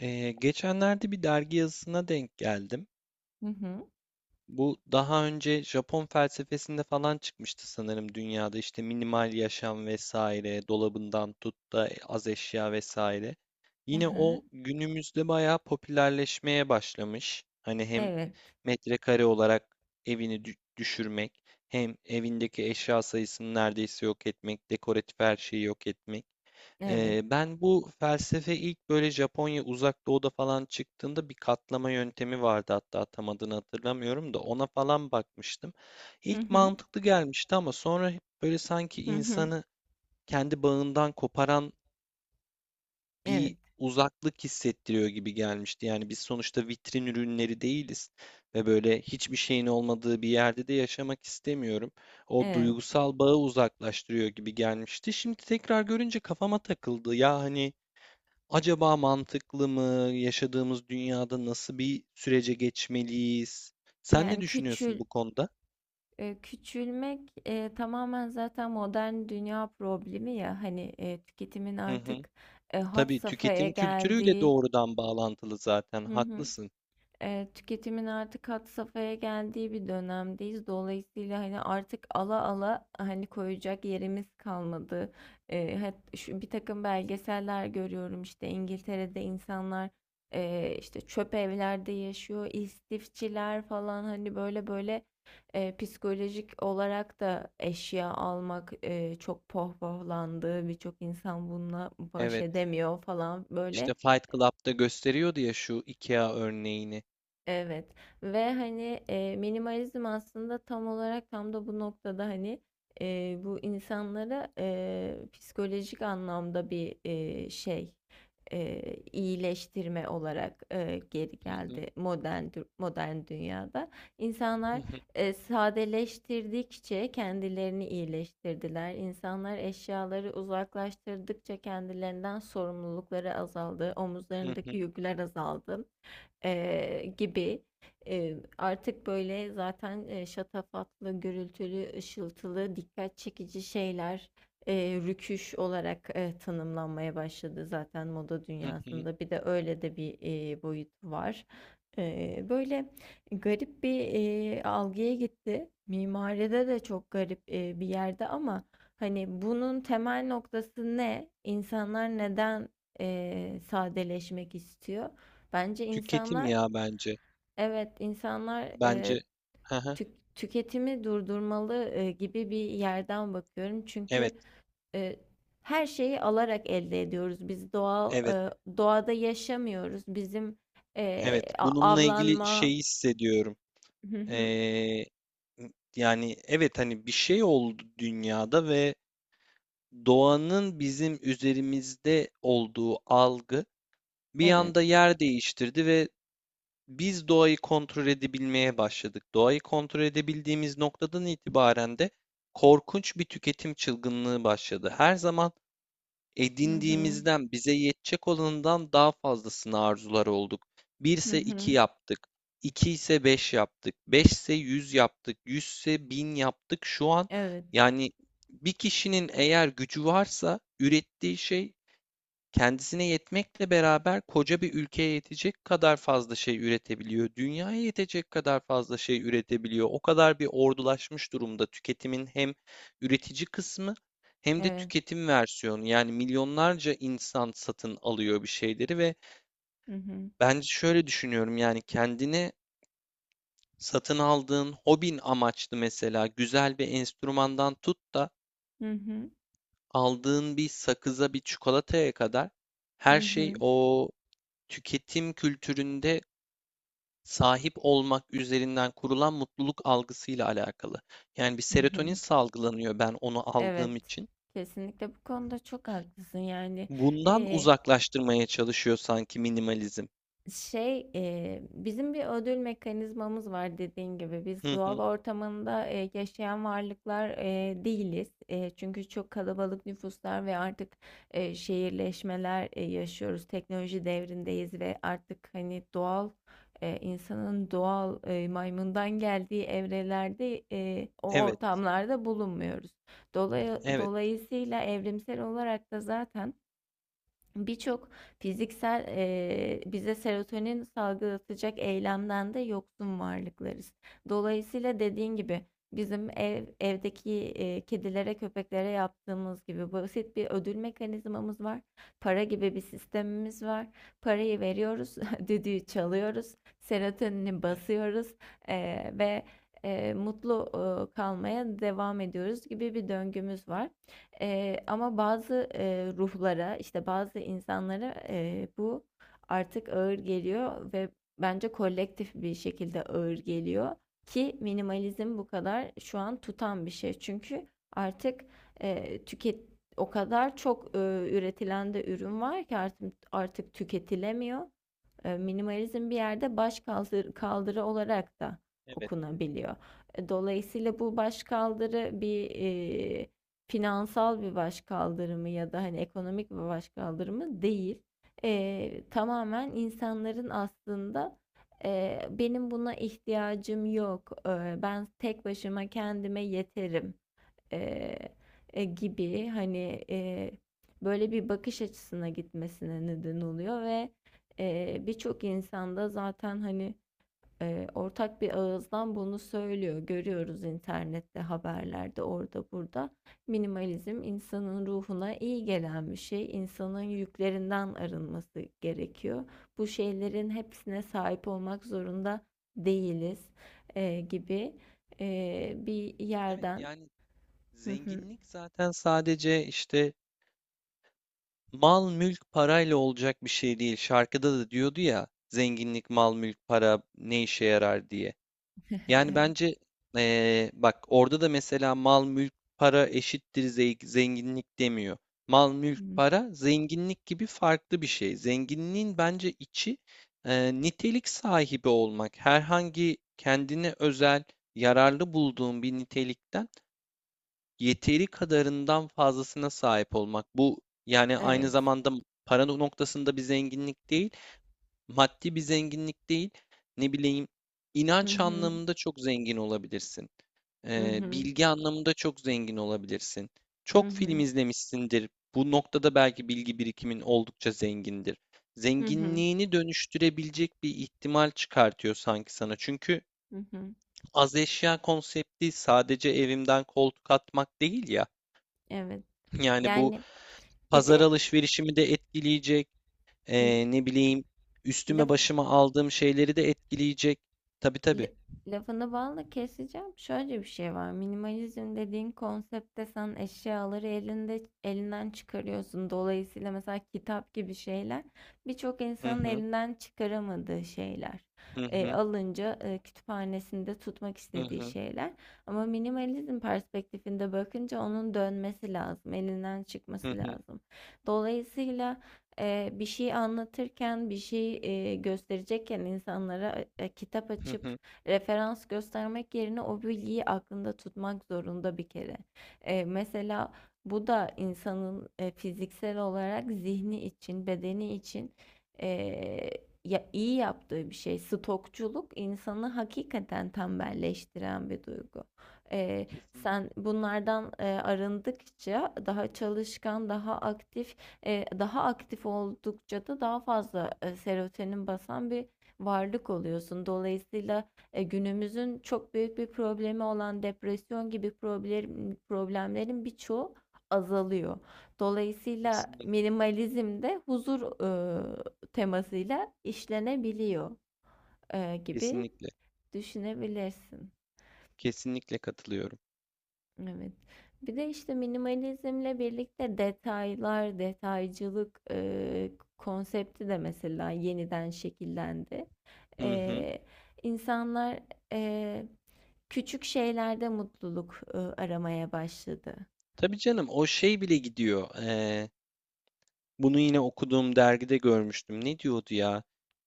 Geçenlerde bir dergi yazısına denk geldim. Hı hı. Bu daha önce Japon felsefesinde falan çıkmıştı sanırım dünyada işte minimal yaşam vesaire, dolabından tut da az eşya vesaire. Hı Yine hı. o günümüzde bayağı popülerleşmeye başlamış. Hani hem Evet. metrekare olarak evini düşürmek, hem evindeki eşya sayısını neredeyse yok etmek, dekoratif her şeyi yok etmek. Evet. Ben bu felsefe ilk böyle Japonya Uzak Doğu'da falan çıktığında bir katlama yöntemi vardı, hatta tam adını hatırlamıyorum da ona falan bakmıştım. Hı İlk hı. mantıklı gelmişti ama sonra hep böyle sanki Hı hı. insanı kendi bağından koparan Evet. bir uzaklık hissettiriyor gibi gelmişti. Yani biz sonuçta vitrin ürünleri değiliz ve böyle hiçbir şeyin olmadığı bir yerde de yaşamak istemiyorum. O Evet. duygusal bağı uzaklaştırıyor gibi gelmişti. Şimdi tekrar görünce kafama takıldı. Ya hani acaba mantıklı mı? Yaşadığımız dünyada nasıl bir sürece geçmeliyiz? Sen ne Yani düşünüyorsun bu konuda? Küçülmek tamamen zaten modern dünya problemi ya hani tüketimin Hı hı. artık had Tabii, safhaya tüketim kültürüyle geldiği. doğrudan bağlantılı zaten. Hı hı. Haklısın. Tüketimin artık had safhaya geldiği bir dönemdeyiz. Dolayısıyla hani artık ala ala hani koyacak yerimiz kalmadı. Bir takım belgeseller görüyorum işte İngiltere'de insanlar işte çöp evlerde yaşıyor, istifçiler falan hani böyle böyle psikolojik olarak da eşya almak çok pohpohlandı. Birçok insan bununla baş Evet. edemiyor falan İşte böyle. Fight Club'da gösteriyordu ya şu IKEA örneğini. Evet ve hani, minimalizm aslında tam olarak tam da bu noktada, hani, bu insanlara, psikolojik anlamda bir, şey, iyileştirme olarak, geri Hı hı, geldi modern dünyada. hı İnsanlar, hı, sadeleştirdikçe kendilerini iyileştirdiler. İnsanlar eşyaları uzaklaştırdıkça kendilerinden sorumlulukları azaldı, hı hı, omuzlarındaki yükler azaldı gibi. Artık böyle zaten, şatafatlı, gürültülü, ışıltılı, dikkat çekici şeyler, rüküş olarak, tanımlanmaya başladı zaten moda hı hı. dünyasında. Bir de öyle de bir, boyutu var. Böyle garip bir, algıya gitti. Mimaride de çok garip, bir yerde ama hani bunun temel noktası ne? İnsanlar neden, sadeleşmek istiyor? Bence Tüketim insanlar, ya bence. evet, insanlar Bence. Hı hı. Tüketimi durdurmalı gibi bir yerden bakıyorum. Evet, Çünkü e, her şeyi alarak elde ediyoruz. Biz doğal evet, doğada yaşamıyoruz. Bizim evet. Bununla ilgili avlanma. şeyi hissediyorum. Hı hı. Ee, Yani evet hani bir şey oldu dünyada ve doğanın bizim üzerimizde olduğu algı bir Evet. anda yer değiştirdi ve biz doğayı kontrol edebilmeye başladık. Doğayı kontrol edebildiğimiz noktadan itibaren de korkunç bir tüketim çılgınlığı başladı. Her zaman Hı hı. edindiğimizden, bize yetecek olanından daha fazlasını arzular olduk. 1 Hı ise 2 hı. yaptık. İki ise 5 yaptık. 5 ise 100 yaptık. 100 ise 1000 yaptık. Şu an Evet. yani bir kişinin eğer gücü varsa ürettiği şey kendisine yetmekle beraber koca bir ülkeye yetecek kadar fazla şey üretebiliyor. Dünyaya yetecek kadar fazla şey üretebiliyor. O kadar bir ordulaşmış durumda tüketimin hem üretici kısmı hem de Evet. tüketim versiyonu. Yani milyonlarca insan satın alıyor bir şeyleri ve Hı hı. bence şöyle düşünüyorum: yani kendine satın aldığın hobin amaçlı mesela güzel bir enstrümandan tut da Hı hı. aldığın bir sakıza, bir çikolataya kadar Hı her şey hı. o tüketim kültüründe sahip olmak üzerinden kurulan mutluluk algısıyla alakalı. Yani bir Hı serotonin hı. salgılanıyor ben onu Evet. aldığım için. Kesinlikle bu konuda çok haklısın. Yani. Bundan E, uzaklaştırmaya çalışıyor sanki minimalizm. Şey, bizim bir ödül mekanizmamız var dediğin gibi. Biz Hı doğal hı. ortamında yaşayan varlıklar değiliz. Çünkü çok kalabalık nüfuslar ve artık şehirleşmeler yaşıyoruz. Teknoloji devrindeyiz ve artık hani doğal insanın doğal maymundan geldiği evrelerde o Evet, ortamlarda bulunmuyoruz. Dolay- evet, dolayısıyla evrimsel olarak da zaten birçok fiziksel bize serotonin salgılatacak eylemden de yoksun varlıklarız. Dolayısıyla dediğin gibi bizim evdeki kedilere, köpeklere yaptığımız gibi basit bir ödül mekanizmamız var. Para gibi bir sistemimiz var. Parayı veriyoruz, düdüğü çalıyoruz, serotonini evet, basıyoruz ve mutlu kalmaya devam ediyoruz gibi bir döngümüz var. Ama bazı ruhlara, işte bazı insanlara bu artık ağır geliyor ve bence kolektif bir şekilde ağır geliyor ki minimalizm bu kadar şu an tutan bir şey. Çünkü artık eee, tüket o kadar çok üretilen de ürün var ki artık tüketilemiyor. Minimalizm bir yerde baş kaldırı olarak da evet. okunabiliyor. Dolayısıyla bu baş kaldırı bir e, finansal bir baş kaldırımı ya da hani ekonomik bir baş kaldırımı değil. Tamamen insanların aslında benim buna ihtiyacım yok, ben tek başıma kendime yeterim eee, gibi hani böyle bir bakış açısına gitmesine neden oluyor ve birçok insanda zaten hani ortak bir ağızdan bunu söylüyor. Görüyoruz internette, haberlerde, orada burada. Minimalizm insanın ruhuna iyi gelen bir şey. İnsanın yüklerinden arınması gerekiyor. Bu şeylerin hepsine sahip olmak zorunda değiliz gibi bir Evet, yerden. yani zenginlik zaten sadece işte mal mülk parayla olacak bir şey değil. Şarkıda da diyordu ya, zenginlik mal mülk para ne işe yarar diye. Yani bence, bak orada da mesela mal mülk para eşittir zenginlik demiyor. Mal mülk Hımm. para zenginlik gibi farklı bir şey. Zenginliğin bence içi nitelik sahibi olmak. Herhangi kendine özel yararlı bulduğun bir nitelikten yeteri kadarından fazlasına sahip olmak. Bu yani aynı Evet. zamanda para noktasında bir zenginlik değil. Maddi bir zenginlik değil, ne bileyim, Hı inanç hı. anlamında çok zengin olabilirsin. Hı hı. Bilgi anlamında çok zengin olabilirsin. Hı Çok film hı. izlemişsindir. Bu noktada belki bilgi birikimin oldukça zengindir. Hı hı. Zenginliğini dönüştürebilecek bir ihtimal çıkartıyor sanki sana. Çünkü Hı hı. az eşya konsepti sadece evimden koltuk atmak değil ya. Evet. Yani bu Yani bir pazar de alışverişimi de etkileyecek. l Ne bileyim, laf üstüme başıma aldığım şeyleri de etkileyecek. Tabii, tabii. L- Lafını balla keseceğim. Şöyle bir şey var. Minimalizm dediğin konseptte sen eşyaları elinden çıkarıyorsun. Dolayısıyla mesela kitap gibi şeyler birçok Hı insanın hı, elinden çıkaramadığı şeyler. hı hı, Alınca kütüphanesinde tutmak hı istediği hı, şeyler. Ama minimalizm perspektifinde bakınca onun dönmesi lazım, elinden hı çıkması hı, lazım. Dolayısıyla bir şey anlatırken, bir şey gösterecekken insanlara kitap hı açıp hı. referans göstermek yerine o bilgiyi aklında tutmak zorunda bir kere. Mesela bu da insanın fiziksel olarak zihni için, bedeni için eee, ya, iyi yaptığı bir şey. Stokçuluk insanı hakikaten tembelleştiren bir duygu. Eee, Kesinlikle, Sen bunlardan arındıkça daha çalışkan, daha aktif, daha aktif oldukça da daha fazla serotonin basan bir varlık oluyorsun. Dolayısıyla günümüzün çok büyük bir problemi olan depresyon gibi problemlerin birçoğu azalıyor. Dolayısıyla kesinlikle, minimalizm de huzur e, temasıyla işlenebiliyor gibi kesinlikle, düşünebilirsin. kesinlikle katılıyorum. Evet. Bir de işte minimalizmle birlikte detaylar, detaycılık konsepti de mesela yeniden şekillendi. Hı hı. E, insanlar e, küçük şeylerde mutluluk aramaya başladı. Tabii canım, o şey bile gidiyor. Bunu yine okuduğum dergide görmüştüm. Ne diyordu ya?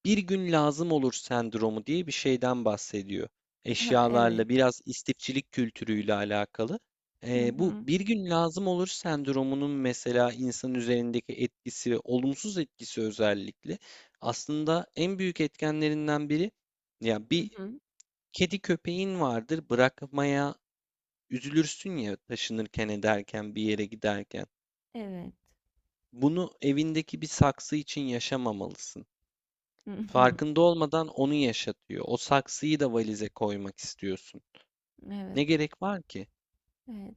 Bir gün lazım olur sendromu diye bir şeyden bahsediyor. Ha, evet. Eşyalarla biraz istifçilik kültürüyle alakalı. Hı Bu hı. bir gün lazım olur sendromunun mesela insan üzerindeki etkisi, ve olumsuz etkisi özellikle aslında en büyük etkenlerinden biri, ya Hı bir hı. kedi köpeğin vardır, bırakmaya üzülürsün ya taşınırken ederken bir yere giderken. Evet. Bunu evindeki bir saksı için yaşamamalısın. Hı hı. Farkında olmadan onu yaşatıyor. O saksıyı da valize koymak istiyorsun. Evet. Ne gerek var ki? Evet.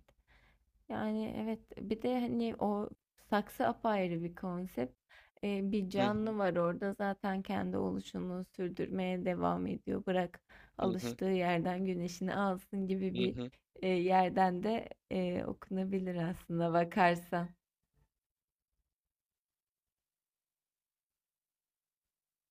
Yani evet bir de hani o saksı apayrı bir konsept. Bir Hı hı, canlı var orada zaten kendi oluşunu sürdürmeye devam ediyor. Bırak hı hı, alıştığı yerden güneşini alsın gibi hı bir hı. Yerden de okunabilir aslında bakarsan.